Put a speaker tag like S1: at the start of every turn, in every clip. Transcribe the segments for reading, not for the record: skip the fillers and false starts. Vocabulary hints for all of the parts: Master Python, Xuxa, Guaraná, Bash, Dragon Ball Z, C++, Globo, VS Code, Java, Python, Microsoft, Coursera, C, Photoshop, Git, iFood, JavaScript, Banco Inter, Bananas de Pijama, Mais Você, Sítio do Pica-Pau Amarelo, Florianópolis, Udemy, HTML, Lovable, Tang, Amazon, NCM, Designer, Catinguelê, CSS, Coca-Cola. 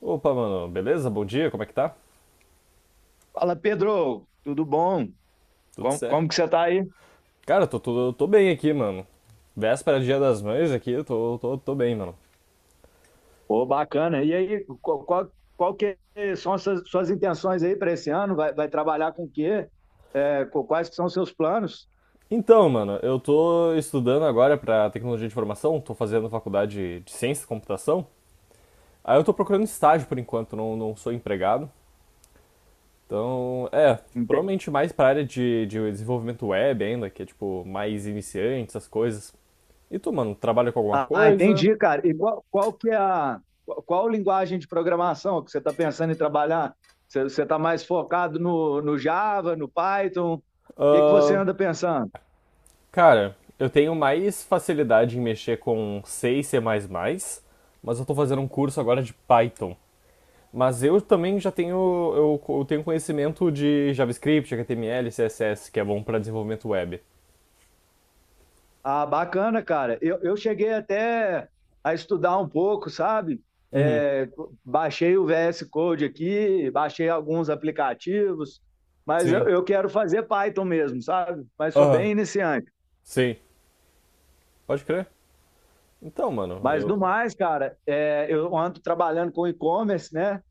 S1: Opa, mano, beleza? Bom dia, como é que tá?
S2: Fala, Pedro, tudo bom?
S1: Tudo
S2: Como,
S1: certo?
S2: como que você tá aí?
S1: Cara, eu tô bem aqui, mano. Véspera de Dia das Mães aqui, eu tô bem, mano.
S2: Pô, bacana. E aí, qual que são as suas intenções aí para esse ano? Vai trabalhar com o quê? Quais que são os seus planos?
S1: Então, mano, eu tô estudando agora pra tecnologia de informação, tô fazendo faculdade de ciência e computação. Aí eu tô procurando estágio por enquanto, não sou empregado. Então,
S2: Ente-
S1: provavelmente mais pra área de desenvolvimento web ainda, que é tipo mais iniciante, essas coisas. E tu, mano, trabalha com alguma
S2: Ah,
S1: coisa?
S2: entendi, cara. E qual que é a, qual linguagem de programação que você está pensando em trabalhar? Você está mais focado no Java, no Python? O que que você anda pensando?
S1: Cara, eu tenho mais facilidade em mexer com C e C++, mas eu tô fazendo um curso agora de Python. Mas eu também já tenho, eu tenho conhecimento de JavaScript, HTML, CSS, que é bom pra desenvolvimento web.
S2: Ah, bacana, cara. Eu cheguei até a estudar um pouco, sabe?
S1: Uhum,
S2: É, Baixei o VS Code aqui, baixei alguns aplicativos, mas eu,
S1: sim.
S2: eu quero fazer Python mesmo, sabe? Mas sou
S1: Aham,
S2: bem iniciante.
S1: sim. Pode crer. Então, mano,
S2: Mas no
S1: eu...
S2: mais, cara, eu ando trabalhando com e-commerce, né?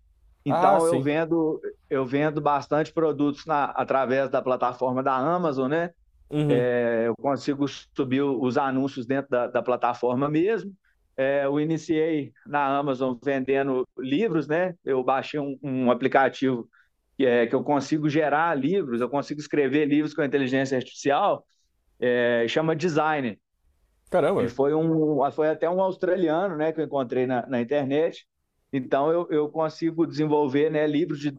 S1: Ah,
S2: Então
S1: sim.
S2: eu vendo bastante produtos através da plataforma da Amazon, né?
S1: Uhum.
S2: Eu consigo subir os anúncios dentro da plataforma mesmo. É, eu iniciei na Amazon vendendo livros, né? Eu baixei um aplicativo que eu consigo gerar livros, eu consigo escrever livros com inteligência artificial, chama Designer. E
S1: Caramba,
S2: foi até um australiano, né, que eu encontrei na internet. Então, eu consigo desenvolver, né, livros de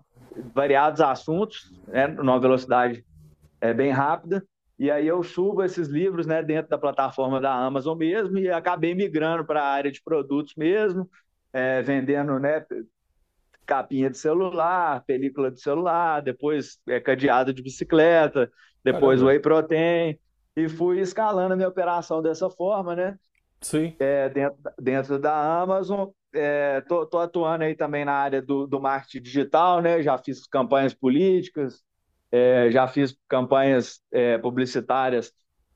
S2: variados assuntos, né, numa velocidade bem rápida. E aí eu subo esses livros, né, dentro da plataforma da Amazon mesmo e acabei migrando para a área de produtos mesmo, vendendo, né, capinha de celular, película de celular, depois cadeado de bicicleta, depois
S1: caramba.
S2: whey protein. E fui escalando a minha operação dessa forma, né?
S1: Sim,
S2: É, dentro da Amazon. Atuando aí também na área do marketing digital, né? Já fiz campanhas políticas, é, já fiz campanhas publicitárias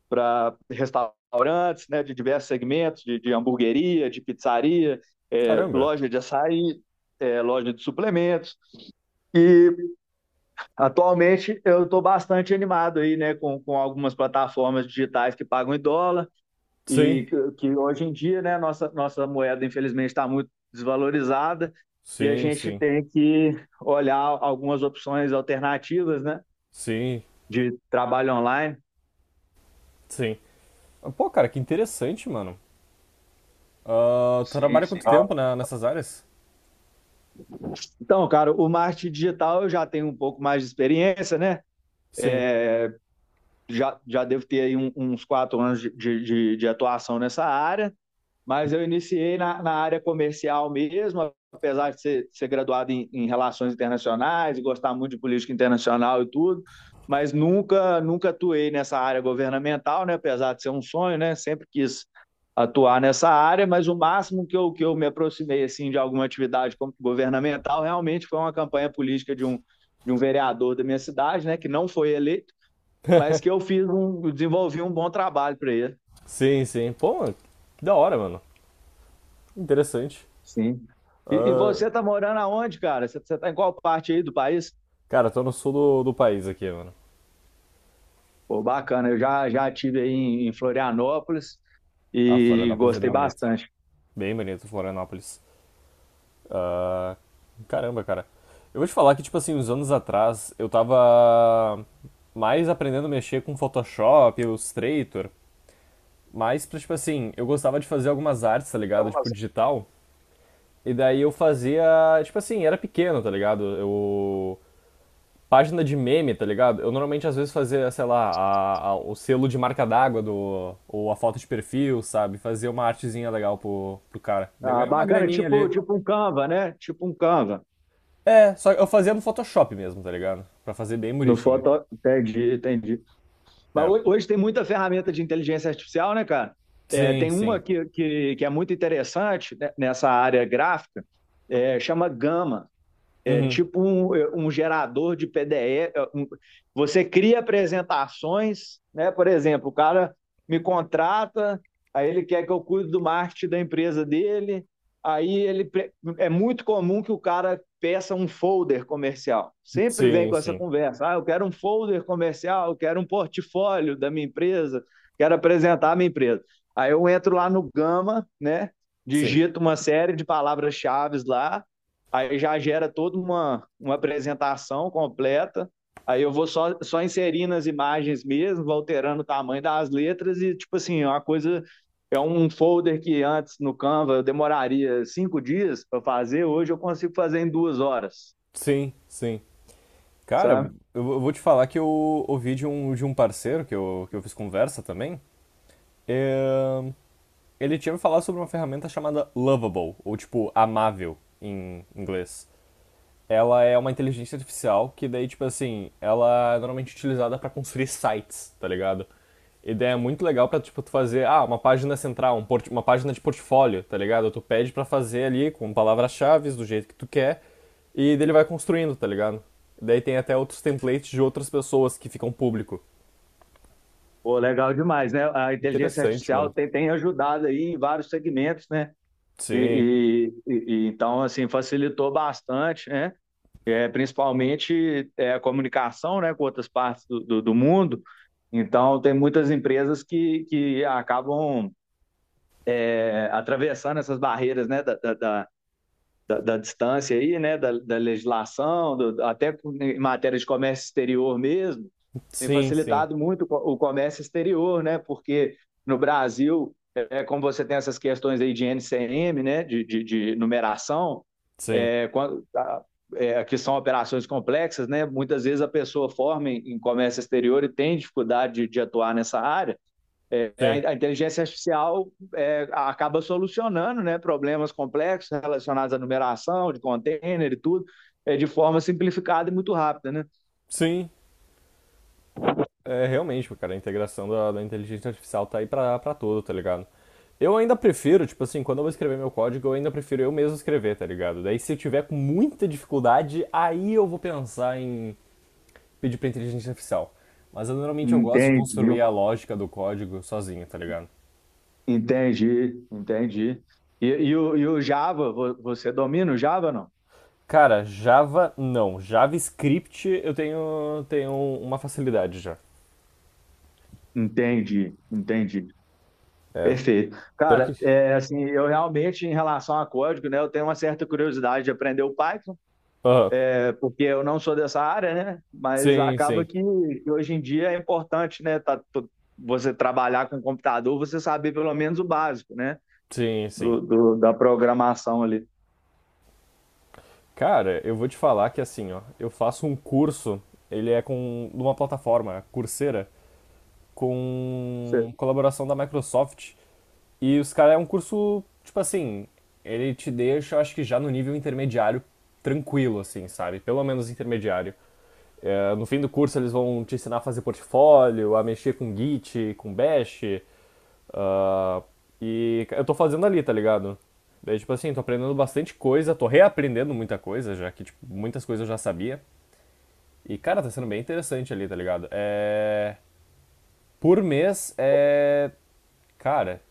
S2: para restaurantes, né, de diversos segmentos, de hamburgueria, de pizzaria,
S1: caramba.
S2: loja de açaí, loja de suplementos. E atualmente eu estou bastante animado aí, né, com algumas plataformas digitais que pagam em dólar e
S1: Sim,
S2: que hoje em dia, né, nossa moeda infelizmente está muito desvalorizada e a
S1: sim,
S2: gente
S1: sim,
S2: tem que olhar algumas opções alternativas, né,
S1: sim,
S2: de trabalho online.
S1: sim. Pô, cara, que interessante, mano. Ah, tu
S2: Sim,
S1: trabalha
S2: sim.
S1: quanto
S2: Ah,
S1: tempo né, nessas áreas?
S2: então, cara, o marketing digital eu já tenho um pouco mais de experiência, né?
S1: Sim,
S2: Já devo ter aí uns 4 anos de atuação nessa área. Mas eu iniciei na área comercial mesmo, apesar de ser graduado em relações internacionais, gostar muito de política internacional e tudo, mas nunca atuei nessa área governamental, né? Apesar de ser um sonho, né? Sempre quis atuar nessa área, mas o máximo que que eu me aproximei assim de alguma atividade governamental realmente foi uma campanha política de um vereador da minha cidade, né? Que não foi eleito, mas que desenvolvi um bom trabalho para ele.
S1: sim, sim. Pô, que da hora, mano. Interessante.
S2: Sim. E
S1: Ah,
S2: você tá morando aonde, cara? Você tá em qual parte aí do país?
S1: cara, tô no sul do país aqui, mano.
S2: Pô, bacana. Já tive aí em Florianópolis
S1: Ah,
S2: e
S1: Florianópolis é bem
S2: gostei
S1: bonito.
S2: bastante.
S1: Bem bonito, Florianópolis. Ah, caramba, cara. Eu vou te falar que, tipo assim, uns anos atrás, eu tava mais aprendendo a mexer com Photoshop, Illustrator, mais pra, tipo assim, eu gostava de fazer algumas artes, tá ligado? Tipo, digital. E daí eu fazia, tipo assim, era pequeno, tá ligado? Eu página de meme, tá ligado? Eu normalmente às vezes fazia, sei lá, o selo de marca d'água do, ou a foto de perfil, sabe? Fazia uma artezinha legal pro, pro cara. Daí eu
S2: Ah,
S1: ganhei uma
S2: bacana,
S1: graninha
S2: tipo,
S1: ali.
S2: tipo um Canva, né? Tipo um Canva.
S1: É, só eu fazia no Photoshop mesmo, tá ligado? Pra fazer bem
S2: No
S1: bonitinho.
S2: foto, entendi, entendi. Mas
S1: É.
S2: hoje tem muita ferramenta de inteligência artificial, né, cara? É,
S1: Sim,
S2: tem uma
S1: sim.
S2: que é muito interessante, né, nessa área gráfica, chama Gama. É
S1: Uhum.
S2: tipo um gerador de PDE. Você cria apresentações, né? Por exemplo, o cara me contrata, aí ele quer que eu cuide do marketing da empresa dele. Aí ele É muito comum que o cara peça um folder comercial. Sempre vem
S1: Sim,
S2: com essa
S1: sim.
S2: conversa. Ah, eu quero um folder comercial, eu quero um portfólio da minha empresa, quero apresentar a minha empresa. Aí eu entro lá no Gama, né?
S1: Sim.
S2: Digito uma série de palavras-chave lá. Aí já gera toda uma apresentação completa. Aí eu vou só inserindo as imagens mesmo, vou alterando o tamanho das letras e, tipo assim, é uma coisa. É um folder que antes no Canva eu demoraria 5 dias para fazer, hoje eu consigo fazer em 2 horas,
S1: Sim, sim. Cara, eu,
S2: sabe?
S1: eu vou te falar que eu ouvi de um parceiro que eu fiz conversa também. É, Ele tinha me falado sobre uma ferramenta chamada Lovable, ou tipo, amável em inglês. Ela é uma inteligência artificial que daí, tipo assim, ela é normalmente utilizada para construir sites, tá ligado? A ideia é muito legal pra, tipo, tu fazer, ah, uma página central, um uma página de portfólio, tá ligado? Tu pede pra fazer ali com palavras-chave, do jeito que tu quer, e daí ele vai construindo, tá ligado? Daí tem até outros templates de outras pessoas que ficam público.
S2: Pô, legal demais, né? A inteligência
S1: Interessante,
S2: artificial
S1: mano.
S2: tem, tem ajudado aí em vários segmentos, né?
S1: Sim,
S2: E então, assim, facilitou bastante, né? É, principalmente a comunicação, né, com outras partes do mundo. Então, tem muitas empresas que acabam atravessando essas barreiras, né, da distância, aí, né, da legislação, do, até em matéria de comércio exterior mesmo. Tem
S1: sim, sim,
S2: facilitado muito o comércio exterior, né, porque no Brasil, é, como você tem essas questões aí de NCM, né, de numeração,
S1: sim,
S2: é, quando, a, que são operações complexas, né? Muitas vezes a pessoa forma em comércio exterior e tem dificuldade de atuar nessa área. É,
S1: sim,
S2: inteligência artificial acaba solucionando, né? Problemas complexos relacionados à numeração de container e tudo, é, de forma simplificada e muito rápida, né?
S1: sim. É, realmente, cara, a integração da inteligência artificial tá aí pra, pra tudo, tá ligado? Eu ainda prefiro, tipo assim, quando eu vou escrever meu código, eu ainda prefiro eu mesmo escrever, tá ligado? Daí se eu tiver com muita dificuldade, aí eu vou pensar em pedir pra inteligência artificial. Mas eu, normalmente eu gosto de
S2: Entendi,
S1: construir a lógica do código sozinho, tá ligado?
S2: entendi, entendi. E o Java, você domina o Java ou não?
S1: Cara, Java não. JavaScript eu tenho, tenho uma facilidade já.
S2: Entendi, entendi.
S1: É,
S2: Perfeito.
S1: pior que.
S2: Cara, é, assim, eu realmente, em relação a código, né, eu tenho uma certa curiosidade de aprender o Python,
S1: Aham.
S2: é, porque eu não sou dessa área, né, mas
S1: Sim,
S2: acaba
S1: sim.
S2: que hoje em dia é importante, né, você trabalhar com computador, você saber pelo menos o básico, né,
S1: Sim, sim.
S2: da programação ali.
S1: Cara, eu vou te falar que assim, ó, eu faço um curso, ele é com numa plataforma, Coursera, com colaboração da Microsoft, e os caras é um curso, tipo assim, ele te deixa, acho que já no nível intermediário, tranquilo, assim, sabe? Pelo menos intermediário. É, no fim do curso eles vão te ensinar a fazer portfólio, a mexer com Git, com Bash, ah, e eu tô fazendo ali, tá ligado? Daí, tipo assim, tô aprendendo bastante coisa, tô reaprendendo muita coisa, já que, tipo, muitas coisas eu já sabia. E, cara, tá sendo bem interessante ali, tá ligado? É... Por mês é... Cara,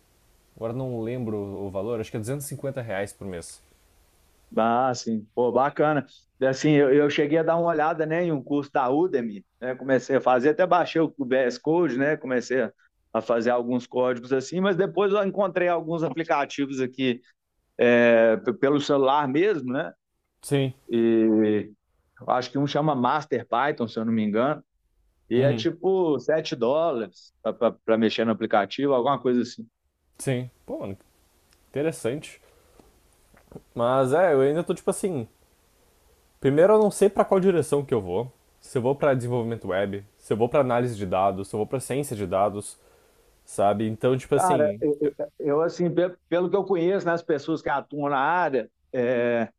S1: agora não lembro o valor, acho que é R$ 250 por mês.
S2: Ah, sim. Pô, bacana. Assim, eu cheguei a dar uma olhada, né, em um curso da Udemy, né? Comecei a fazer, até baixei o VS Code, né? Comecei a A fazer alguns códigos assim, mas depois eu encontrei alguns aplicativos aqui, pelo celular mesmo, né?
S1: Sim.
S2: E eu acho que um chama Master Python, se eu não me engano, e é
S1: Uhum.
S2: tipo US$ 7 para mexer no aplicativo, alguma coisa assim.
S1: Sim. Pô, mano, interessante. Mas é, eu ainda tô tipo assim. Primeiro eu não sei pra qual direção que eu vou. Se eu vou pra desenvolvimento web, se eu vou pra análise de dados, se eu vou pra ciência de dados, sabe? Então, tipo
S2: Cara,
S1: assim.
S2: assim, pelo que eu conheço, né, as pessoas que atuam na área, é,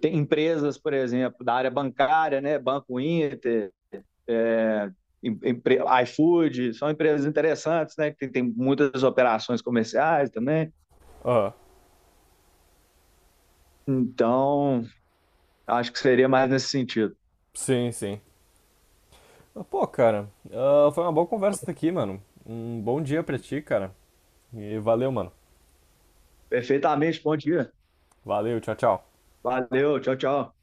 S2: tem empresas, por exemplo, da área bancária, né? Banco Inter, é, iFood, são empresas interessantes, né? Que tem, tem muitas operações comerciais também.
S1: Ah,
S2: Então, acho que seria mais nesse sentido.
S1: sim, sim. Ah, pô, cara, ah, foi uma boa conversa aqui, mano. Um bom dia pra ti, cara. E valeu, mano.
S2: Perfeitamente, bom dia.
S1: Valeu, tchau, tchau.
S2: Valeu, tchau, tchau.